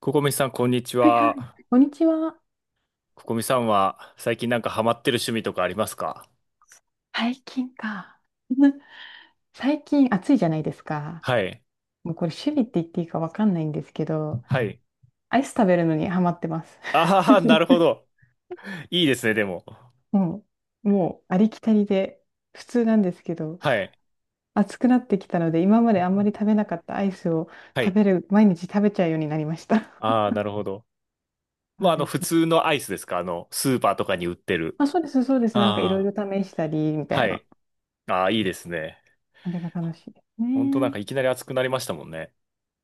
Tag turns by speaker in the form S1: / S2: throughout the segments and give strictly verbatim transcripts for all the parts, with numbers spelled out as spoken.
S1: ココミさん、こんにち
S2: はいはい。
S1: は。
S2: 土日は。
S1: ココミさんは、最近なんかハマってる趣味とかありますか？
S2: 最近か。最近暑いじゃないですか。
S1: はい。
S2: もうこれ趣味って言っていいかわかんないんですけど、
S1: はい。
S2: アイス食べるのにハマってます。
S1: ああ、なるほ ど。いいですね、でも。
S2: もう、もうありきたりで普通なんですけど、
S1: はい。
S2: 暑くなってきたので、今まであんまり食べなかったアイスを
S1: は
S2: 食
S1: い。
S2: べる、毎日食べちゃうようになりました。
S1: ああ、なるほど。
S2: そ
S1: まあ、
S2: う
S1: あの、
S2: です
S1: 普
S2: ね。
S1: 通のアイスですか？あの、スーパーとかに売ってる。
S2: あ、そうです、そうです。なんかいろい
S1: あ
S2: ろ
S1: あ。
S2: 試したりみた
S1: は
S2: いな。
S1: い。ああ、いいですね。
S2: あれが楽しいです
S1: ほんとなん
S2: ね。
S1: かいきなり暑くなりましたもんね。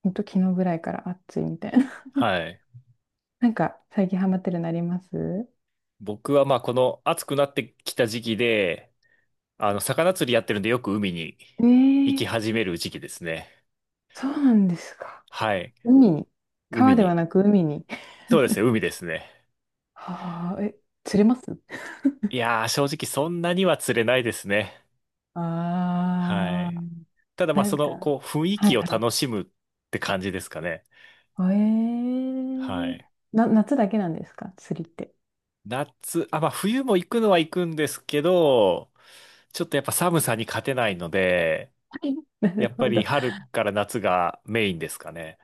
S2: ほんと昨日ぐらいから暑いみたいな。
S1: はい。
S2: なんか最近ハマってるのあります？
S1: 僕はまあ、この暑くなってきた時期で、あの、魚釣りやってるんでよく海に
S2: え
S1: 行
S2: ー、
S1: き始める時期ですね。
S2: そうなんですか。
S1: はい。
S2: 海に。川
S1: 海
S2: で
S1: に、
S2: はなく海に。
S1: そうですね、海ですね。
S2: はあ、え、釣れます？
S1: いやー、正直そんなには釣れないですね。は
S2: ああ
S1: い。
S2: ー。
S1: ただまあ、
S2: なん
S1: そ
S2: か、
S1: の、こう、雰囲
S2: は
S1: 気を
S2: い
S1: 楽しむって感じですかね。
S2: はい。え
S1: は
S2: ー、
S1: い。
S2: な、夏だけなんですか釣りって。
S1: 夏、あ、まあ、冬も行くのは行くんですけど、ちょっとやっぱ寒さに勝てないので、
S2: はい。な
S1: や
S2: る
S1: っぱ
S2: ほ
S1: り
S2: ど。
S1: 春から夏がメインですかね。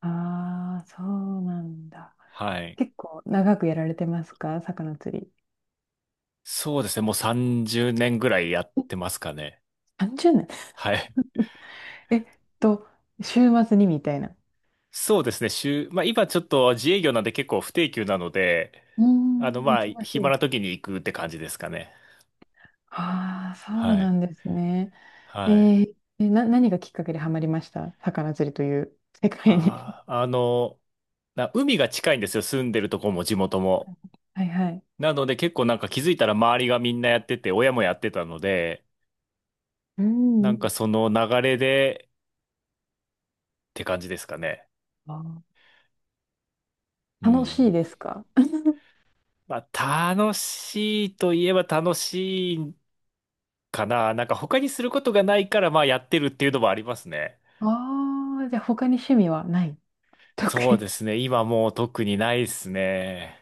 S2: あー、そうなんだ。
S1: はい。
S2: 結構長くやられてますか魚釣り？
S1: そうですね、もうさんじゅうねんぐらいやってますかね。
S2: さんじゅうねん。
S1: はい。
S2: えっと、週末にみたいな。
S1: そうですね、週、まあ今ちょっと自営業なんで結構不定休なので、
S2: うー
S1: あの、
S2: ん、忙
S1: まあ、暇
S2: しい。
S1: な時に行くって感じですかね。
S2: ああ、そう
S1: は
S2: な
S1: い。
S2: んですね。え
S1: はい。
S2: ー、えな、何がきっかけでハマりました魚釣りという 世界に。
S1: ああ、あの、な海が近いんですよ。住んでるとこも地元も。
S2: はいはい。
S1: なので結構なんか気づいたら周りがみんなやってて、親もやってたので、
S2: う
S1: なんか
S2: ん。
S1: その流れでって感じですかね。
S2: あ
S1: う
S2: ー楽しい
S1: ん。
S2: ですか？
S1: まあ、楽しいといえば楽しいかな。なんか他にすることがないから、まあやってるっていうのもありますね。
S2: ああー、じゃあ他に趣味はない？
S1: そ
S2: 特
S1: うで
S2: に。
S1: すね。今もう特にないですね。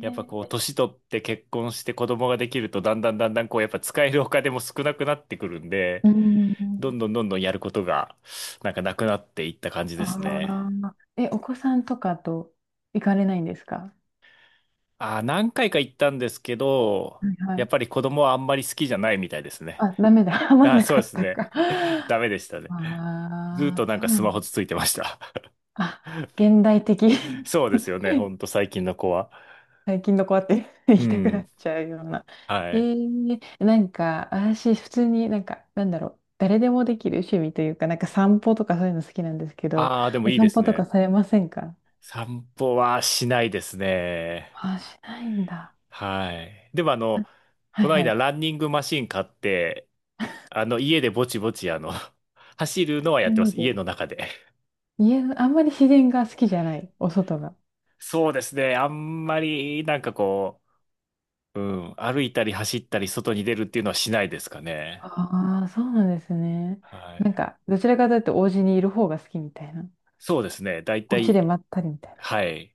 S1: やっぱこう、
S2: え。
S1: 年取って結婚して子供ができると、だんだんだんだんこう、やっぱ使えるお金も少なくなってくるんで、
S2: うんう
S1: ど
S2: ん。
S1: んどんどんどんやることが、なんかなくなっていった感じ
S2: あ
S1: ですね。
S2: あ、え、お子さんとかと行かれないんですか？
S1: ああ、何回か行ったんですけど、
S2: はいは
S1: やっ
S2: い。
S1: ぱり子供はあんまり好きじゃないみたいですね。
S2: あ、ダメだ。ハマ
S1: あ
S2: ん
S1: あ、
S2: な
S1: そう
S2: か
S1: で
S2: っ
S1: す
S2: た
S1: ね。
S2: か。
S1: ダメでしたね。
S2: あ
S1: ずーっと
S2: あ、
S1: なん
S2: そ
S1: か
S2: うな
S1: スマホ
S2: ん
S1: つ
S2: だ。
S1: ついてました。
S2: あ、現代的。
S1: そうですよね。ほ んと最近の子は。
S2: 最近の子はって言
S1: う
S2: いたくな
S1: ん。
S2: っちゃうような。え
S1: はい。
S2: ー、なんか、私、普通になんか、なんだろう、誰でもできる趣味というか、なんか散歩とかそういうの好きなんですけど、
S1: ああ、でも
S2: お
S1: いいで
S2: 散
S1: す
S2: 歩とか
S1: ね。
S2: されませんか？
S1: 散歩はしないですね。
S2: あ、しないんだ。
S1: はい。でもあの、
S2: あ、はい
S1: この
S2: は
S1: 間
S2: い。
S1: ランニングマシン買って、あの、家でぼちぼちあの、走るのはやってま
S2: 家
S1: す。
S2: で。
S1: 家の中で。
S2: 家の、あんまり自然が好きじゃない、お外が。
S1: そうですね。あんまり、なんかこう、うん、歩いたり走ったり外に出るっていうのはしないですかね。
S2: ああ、そうなんですね。
S1: はい。
S2: なんか、どちらかというと、お家にいる方が好きみたいな。
S1: そうですね。だい
S2: お
S1: た
S2: 家で
S1: い、
S2: まったりみたいな。
S1: はい。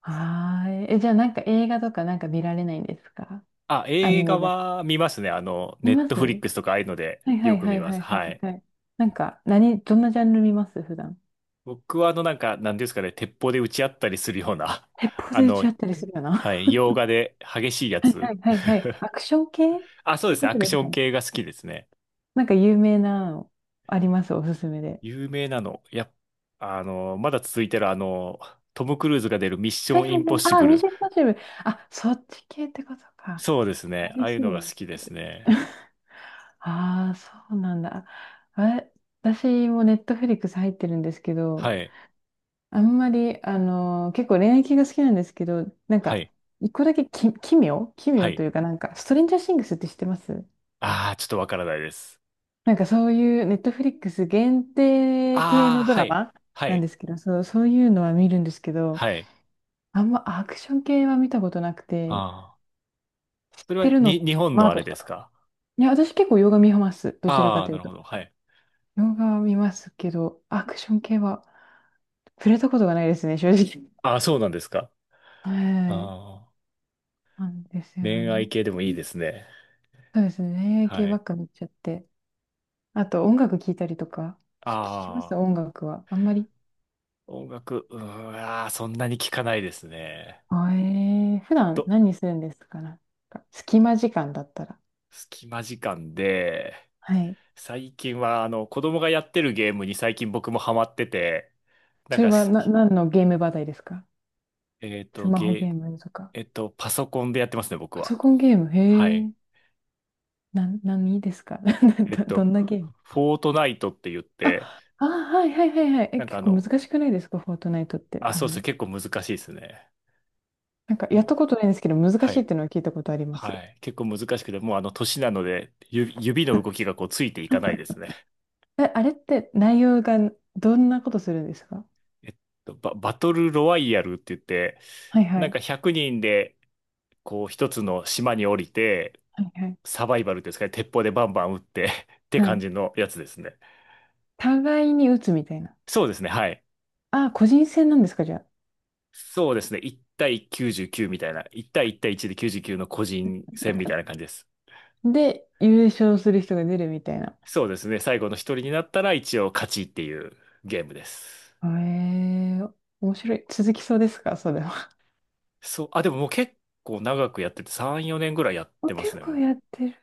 S2: はーい。え、じゃあ、なんか映画とかなんか見られないんですか？
S1: あ、
S2: ア
S1: 映
S2: ニ
S1: 画
S2: メとか。
S1: は見ますね。あの、ネ
S2: 見
S1: ッ
S2: ま
S1: トフリッ
S2: す？
S1: クスとかああいうので
S2: はいは
S1: よ
S2: い
S1: く
S2: は
S1: 見
S2: い
S1: ま
S2: は
S1: す。
S2: いは
S1: は
S2: い
S1: い。
S2: はい。なんか、何、どんなジャンル見ます普段？
S1: 僕はあの、なんか、なんていうんですかね、鉄砲で撃ち合ったりするような、
S2: 鉄 砲
S1: あ
S2: で撃ち
S1: の、
S2: 合ったりするよ
S1: は
S2: な。
S1: い、洋画で激しいや
S2: はいは
S1: つ。
S2: いはいはい。アクション系っ
S1: あ、そうで
S2: て
S1: す
S2: こ
S1: ね。ア
S2: と
S1: ク
S2: で
S1: シ
S2: す
S1: ョ
S2: か
S1: ン
S2: ね。
S1: 系が好きですね。
S2: なんか有名なのあります？おすすめで。
S1: 有名なの。やっ、あの、まだ続いてるあの、トム・クルーズが出るミッシ
S2: は
S1: ョ
S2: いは
S1: ン・イ
S2: い
S1: ン
S2: は
S1: ポ
S2: い。
S1: ッシ
S2: ああ、
S1: ブ
S2: ミッ
S1: ル。
S2: ションインポッシブル。あ、そっち系ってことか。
S1: そうですね。あ
S2: 激
S1: あい
S2: し
S1: う
S2: い
S1: のが
S2: ね。
S1: 好きですね。
S2: ああ、そうなんだ。あ、私もネットフリックス入ってるんですけ
S1: は
S2: ど、
S1: い。
S2: あんまり、あのー結構恋愛系が好きなんですけど、なん
S1: は
S2: か、
S1: い。
S2: 一個だけき奇妙奇
S1: は
S2: 妙と
S1: い。
S2: いうか、なんか、ストレンジャーシングスって知ってます？
S1: ああ、ちょっとわからないです。
S2: なんかそういうネットフリックス限定系
S1: あ
S2: の
S1: あ、
S2: ド
S1: は
S2: ラ
S1: い。
S2: マ
S1: は
S2: なんで
S1: い。
S2: すけど、そう、そういうのは見るんですけど、
S1: はい。
S2: あんまアクション系は見たことなく
S1: あ
S2: て、
S1: あ。
S2: 知っ
S1: それ
S2: て
S1: は、
S2: るの、
S1: に、日本
S2: マ
S1: の
S2: ー
S1: あ
S2: ベ
S1: れ
S2: ル
S1: で
S2: と
S1: す
S2: か。
S1: か？
S2: いや、私結構洋画見ます。どちらか
S1: ああ
S2: と
S1: ー、
S2: い
S1: な
S2: う
S1: る
S2: と。
S1: ほど。はい。
S2: 洋画は見ますけど、アクション系は触れたことがないですね、正直。
S1: ああ、そうなんですか。
S2: はい。
S1: ああ。
S2: なんですよ
S1: 恋愛
S2: ね。
S1: 系でもいいですね。
S2: そうですね。
S1: は
S2: 系ば
S1: い。
S2: っか見ちゃって。あと、音楽聴いたりとか。聞きます
S1: ああ。
S2: 音楽は？あんまり。
S1: 音楽、うーん、あーそんなに聞かないですね。
S2: あえー、普
S1: ど
S2: 段何するんですかなんか隙間時間だったら？
S1: 隙間時間で、
S2: はい。
S1: 最近はあの子供がやってるゲームに最近僕もハマってて、なん
S2: それ
S1: か
S2: は
S1: し、
S2: な、何のゲーム話題ですか？
S1: えっ
S2: ス
S1: と、
S2: マホゲ
S1: ゲー、
S2: ームとか。
S1: えっと、パソコンでやってますね、僕
S2: パソ
S1: は。
S2: コンゲーム、へ
S1: はい。
S2: え。な、何ですか？
S1: えっ
S2: ど、ど
S1: と、
S2: んなゲーム？
S1: フォートナイトって言って、
S2: あ、あ、はいはいはいはい。え、
S1: なんか
S2: 結
S1: あ
S2: 構難
S1: の、
S2: しくないですかフォートナイトって
S1: あ、
S2: 多
S1: そうそう、
S2: 分？
S1: 結構難しいですね。
S2: なんかや
S1: も
S2: ったこ
S1: う、
S2: とないんですけど、難
S1: は
S2: しいっ
S1: い。
S2: ていうのは聞いたことありま
S1: は
S2: す。
S1: い。結構難しくて、もうあの、年なので、ゆ指の動き がこう、ついていかないですね。
S2: え、あれって内容がどんなことするんですか？
S1: えっと、バ、バトルロワイヤルって言って、
S2: はいは
S1: なん
S2: い。
S1: かひゃくにんで、こう、一つの島に降りて、
S2: はいはい。
S1: サバイバルですかね。鉄砲でバンバン撃って って
S2: は
S1: 感
S2: い。
S1: じのやつですね。
S2: 互いに打つみたいな。
S1: そうですね。はい。
S2: あ、個人戦なんですか、じゃ
S1: そうですね。いち対きゅうじゅうきゅうみたいな。いち対いち対いちできゅうじゅうきゅうの個人戦みたいな感じです。
S2: あ？で、優勝する人が出るみたいな。
S1: そうですね。最後の一人になったら一応勝ちっていうゲームです。
S2: えー、面白い。続きそうですか、それは？
S1: そう。あ、でももう結構長くやっててさん、よねんぐらいやって ます
S2: 結
S1: ね、
S2: 構
S1: も
S2: やってる。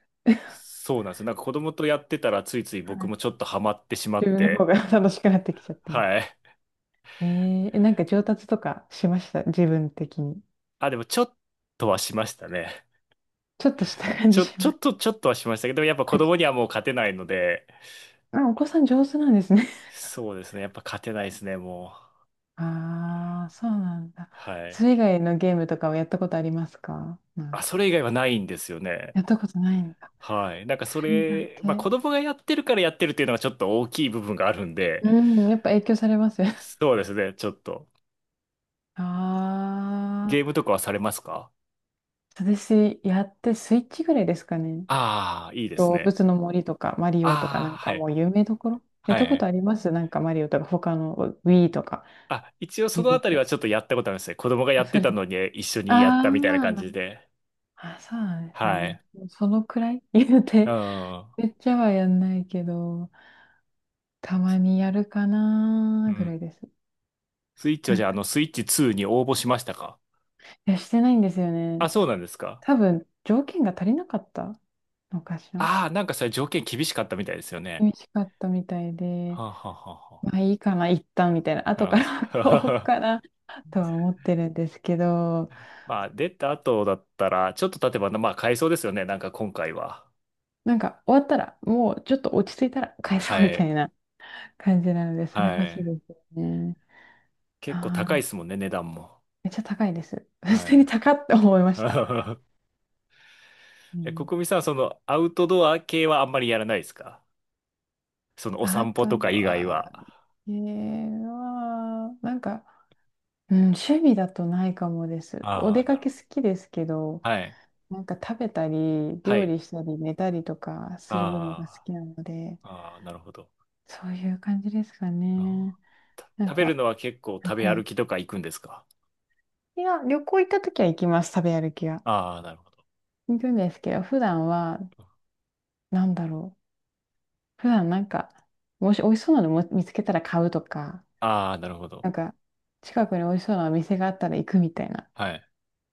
S1: う。そうなんですよ。なんか子供とやってたらついつい
S2: は
S1: 僕
S2: い。
S1: もちょっとハマってしま
S2: 自
S1: っ
S2: 分の方
S1: て。
S2: が 楽しくなってきちゃったみたい。
S1: はい。
S2: えー、えなんか上達とかしました、自分的に？
S1: あ、でもちょっとはしましたね。
S2: ちょっとした感
S1: ち
S2: じ
S1: ょ、
S2: し
S1: ちょ
S2: ます。
S1: っと、ちょっとはしましたけど、やっぱ子
S2: か、
S1: 供にはもう勝てないので、
S2: あ、お子さん上手なんですね。
S1: そうですね。やっぱ勝てないですね、もう。
S2: ああ、そうなんだ。
S1: はい。
S2: それ以外のゲームとかはやったことありますかなん
S1: あ、そ
S2: か？
S1: れ以外はないんですよね。
S2: やったことないんだ。
S1: はい。なんかそ
S2: それだ
S1: れ、まあ
S2: け。
S1: 子 供がやってるからやってるっていうのがちょっと大きい部分があるんで、
S2: うん、やっぱ影響されますよ。
S1: そうですね、ちょっと。
S2: あ
S1: ゲ
S2: あ、
S1: ームとかはされますか？
S2: 私、やってスイッチぐらいですかね。
S1: ああー、いいです
S2: 動
S1: ね。
S2: 物の森とか、マリオとか、な
S1: ああ、
S2: ん
S1: は
S2: か
S1: い。
S2: もう有名どころ。やっ
S1: は
S2: たこと
S1: い。
S2: ありますなんかマリオとか、他の Wii とか、
S1: あ、一応そ
S2: リ
S1: の
S2: リ
S1: あ
S2: ー
S1: たりは
S2: ス？
S1: ちょっとやったことあるんですね。子供がや
S2: あ、
S1: っ
S2: そ
S1: て
S2: れ
S1: た
S2: と、
S1: のに一緒 にやっ
S2: あ
S1: たみたいな感じ
S2: ー
S1: で。
S2: あ、そうなんです
S1: は
S2: ね。
S1: い。
S2: そのくらい 言う
S1: う
S2: て、
S1: ん。
S2: めっちゃはやんないけど。たまにやるか
S1: う
S2: なぐら
S1: ん。
S2: いです。
S1: スイッチは
S2: な
S1: じ
S2: ん
S1: ゃあ、あ
S2: か、
S1: の、スイッチツーに応募しましたか？
S2: いや、してないんですよね。
S1: あ、そうなんですか。
S2: 多分、条件が足りなかったのかしら。
S1: ああ、なんかそれ条件厳しかったみたいですよ
S2: 美
S1: ね。
S2: 味しかったみたいで、
S1: はあ、はあは
S2: まあいいかな、一旦みたいな、
S1: あ
S2: 後か
S1: は
S2: ら
S1: あ、な
S2: 買お
S1: るほ
S2: う
S1: ど。
S2: かなとは思ってるんですけど、
S1: まあ、出た後だったら、ちょっと経てば、まあ、買えそうですよね。なんか今回は。
S2: なんか終わったら、もうちょっと落ち着いたら返そう
S1: は
S2: みたい
S1: い。
S2: な感じなので、それ
S1: は
S2: 欲しい
S1: い。
S2: ですよね。
S1: 結構高い
S2: あ
S1: で
S2: あ、
S1: すもんね、値段も。
S2: めっちゃ高いです。普
S1: は
S2: 通に高って思いま
S1: い。
S2: した。う
S1: え、
S2: ん。
S1: 国民さん、その、アウトドア系はあんまりやらないですか？その、お
S2: あ
S1: 散歩
S2: と
S1: とか以外
S2: は、
S1: は。
S2: えー、まあなんか、うん、趣味だとないかもです。お
S1: あ
S2: 出
S1: あ、
S2: か
S1: なる
S2: け
S1: ほ
S2: 好きですけど、
S1: ど。はい。
S2: なんか食べたり、
S1: は
S2: 料
S1: い。
S2: 理したり、寝たりとかするのが好
S1: あ
S2: きなので、
S1: あ、ああ、なるほど。
S2: そういう感じですか
S1: あー
S2: ね。
S1: た
S2: なん
S1: 食べる
S2: か、
S1: のは結構
S2: は
S1: 食
S2: い
S1: べ
S2: は
S1: 歩
S2: い。
S1: きとか行くんですか？
S2: いや、旅行行った時は行きます、食べ歩きは。
S1: ああー、なるほど。
S2: 行くんですけど、普段は、なんだろう。普段なんか、もし美味しそうなのも見つけたら買うとか、
S1: ああ、なるほど。
S2: なんか、近くに美味しそうなお店があったら行くみたいな
S1: はい。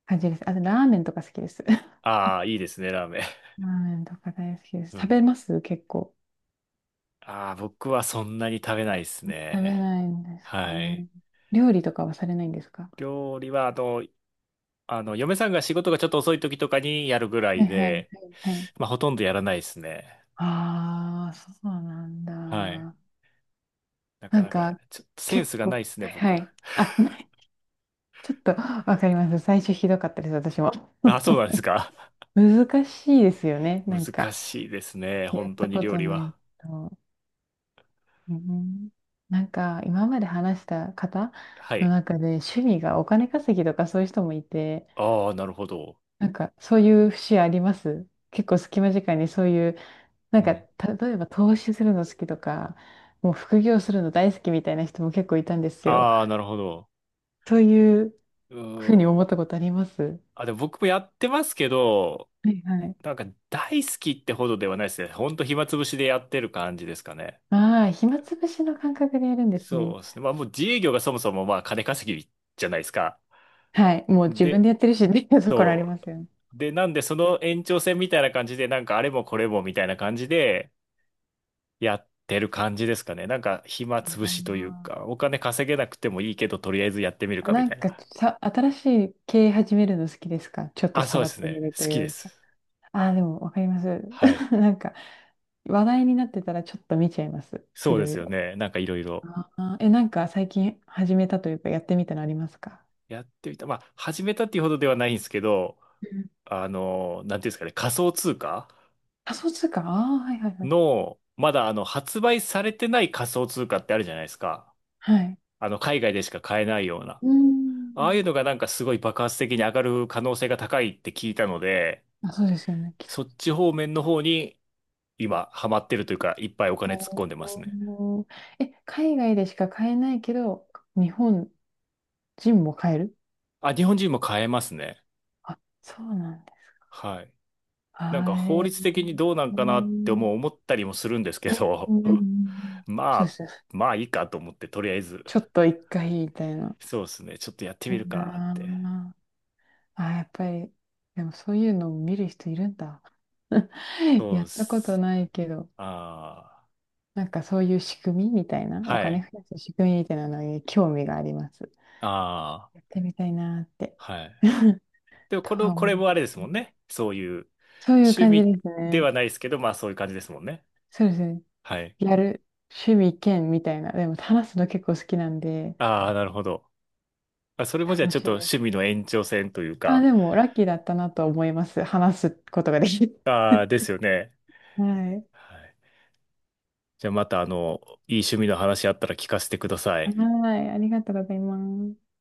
S2: 感じです。あと、ラーメンとか好きです。ラ
S1: ああ、いいですね、ラーメン。
S2: ーメンとか大好きです。
S1: う
S2: 食
S1: ん。
S2: べます結構。
S1: ああ、僕はそんなに食べないです
S2: 食べ
S1: ね。
S2: ないんですか
S1: は
S2: ね。
S1: い。
S2: 料理とかはされないんですか？
S1: 料理は、あの、あの、嫁さんが仕事がちょっと遅い時とかにやるぐら
S2: は
S1: い
S2: いはいは
S1: で、
S2: いはい。
S1: まあ、ほとんどやらないですね。
S2: ああ、そうなん
S1: はい。
S2: だ。
S1: なか
S2: なん
S1: なか、
S2: か、
S1: ちょっとセン
S2: 結
S1: スがな
S2: 構、
S1: いですね、
S2: はいは
S1: 僕。
S2: い。あ、ない。ちょっとわかります。最初ひどかったです、私も。
S1: ああ、そうなんですか。
S2: 難しいですよね。なん
S1: 難
S2: か、
S1: しいですね、
S2: やっ
S1: 本当
S2: た
S1: に
S2: こ
S1: 料
S2: と
S1: 理
S2: な
S1: は。
S2: いと。うん。なんか、今まで話した方
S1: は
S2: の
S1: い。
S2: 中で、趣味がお金稼ぎとかそういう人もいて、
S1: ああ、なるほど。
S2: なんか、そういう節あります？結構隙間時間にそういうなん
S1: う
S2: か、
S1: ん。
S2: 例えば投資するの好きとか、もう副業するの大好きみたいな人も結構いたんですよ。
S1: ああ、なるほど。
S2: そういう
S1: う
S2: ふうに思
S1: ー
S2: っ
S1: ん。
S2: たことあります？
S1: あ、でも僕もやってますけど、
S2: はいはい。
S1: なんか大好きってほどではないですね。ほんと暇つぶしでやってる感じですかね。
S2: ああ、暇つぶしの感覚でやるんです
S1: そ
S2: ね。
S1: うですね。まあもう自営業がそもそもまあ金稼ぎじゃないですか。
S2: はい。もう自分
S1: で、
S2: でやってるしっていう ところあり
S1: そ
S2: ますよね。
S1: う。で、なんでその延長線みたいな感じで、なんかあれもこれもみたいな感じでやってる感じですかね。なんか暇つぶしという
S2: あ
S1: か、お金稼げなくてもいいけど、とりあえずやってみる
S2: ー
S1: かみ
S2: なん
S1: たいな。
S2: かさ、新しい経営始めるの好きですか？ちょっと
S1: あ、そうで
S2: 触っ
S1: す
S2: てみ
S1: ね。
S2: ると
S1: 好き
S2: い
S1: で
S2: うか。
S1: す。
S2: ああ、でもわかります。
S1: はい。
S2: なんか話題になってたらちょっと見ちゃいます。
S1: そ
S2: い
S1: うで
S2: ろい
S1: すよ
S2: ろ。
S1: ね。なんかいろいろ。
S2: あー、え、なんか最近始めたというかやってみたのありますか？
S1: やってみた。まあ、始めたっていうほどではないんですけど、
S2: うん。
S1: あの、なんていうんですかね、仮想通貨
S2: 仮想通貨。ああー、はいはいはい。
S1: の、まだあの、発売されてない仮想通貨ってあるじゃないですか。
S2: はい。
S1: あの、海外でしか買えないような。
S2: うー
S1: ああい
S2: ん。
S1: うのがなんかすごい爆発的に上がる可能性が高いって聞いたので、
S2: あ、そうですよね。聞いた
S1: そ
S2: こ
S1: っち方面の方に今ハマってるというか、いっぱいお金突っ
S2: と。
S1: 込んでますね。
S2: おー。え、海外でしか買えないけど、日本人も買える？
S1: あ、日本人も買えますね。
S2: あ、そうなんです
S1: はい。
S2: か。
S1: なんか法
S2: は
S1: 律的にどうなん
S2: うい。
S1: かなって
S2: ん、
S1: 思う思ったりもするんですけ
S2: う
S1: ど、
S2: んうん。
S1: ま
S2: そうで
S1: あ、
S2: すね。
S1: まあいいかと思って、とりあえず、
S2: ちょっと一回みたいな。
S1: そうですね、ちょっとやって
S2: い
S1: み
S2: い
S1: るかっ
S2: な
S1: て。
S2: あ、やっぱり、でもそういうのを見る人いるんだ。
S1: そ
S2: や
S1: うっ
S2: ったこと
S1: す。
S2: ないけど、
S1: あ
S2: なんかそういう仕組みみたいな、
S1: あ、
S2: お
S1: は
S2: 金
S1: い。
S2: 増やす仕組みみたいなのに興味があります。
S1: ああ、
S2: やってみたいなーって。
S1: はい。でも、
S2: と
S1: この、
S2: は
S1: こ
S2: 思
S1: れ
S2: いま
S1: もあれです
S2: す
S1: も
S2: ね。
S1: んね。そういう、
S2: そういう
S1: 趣
S2: 感じで
S1: 味
S2: す
S1: で
S2: ね。
S1: はないですけど、まあそういう感じですもんね。
S2: そうですね。
S1: はい。
S2: やる趣味兼みたいな。でも話すの結構好きなんで、
S1: ああ、なるほど。あ、それもじゃあ
S2: 楽
S1: ちょっ
S2: しい
S1: と
S2: です。
S1: 趣味の延長線という
S2: あ、
S1: か、
S2: でもラッキーだったなと思います。話すことができる。
S1: ああ、ですよね。
S2: はい。
S1: はい。じゃあまた、あの、いい趣味の話あったら聞かせてください。
S2: はい。ありがとうございます。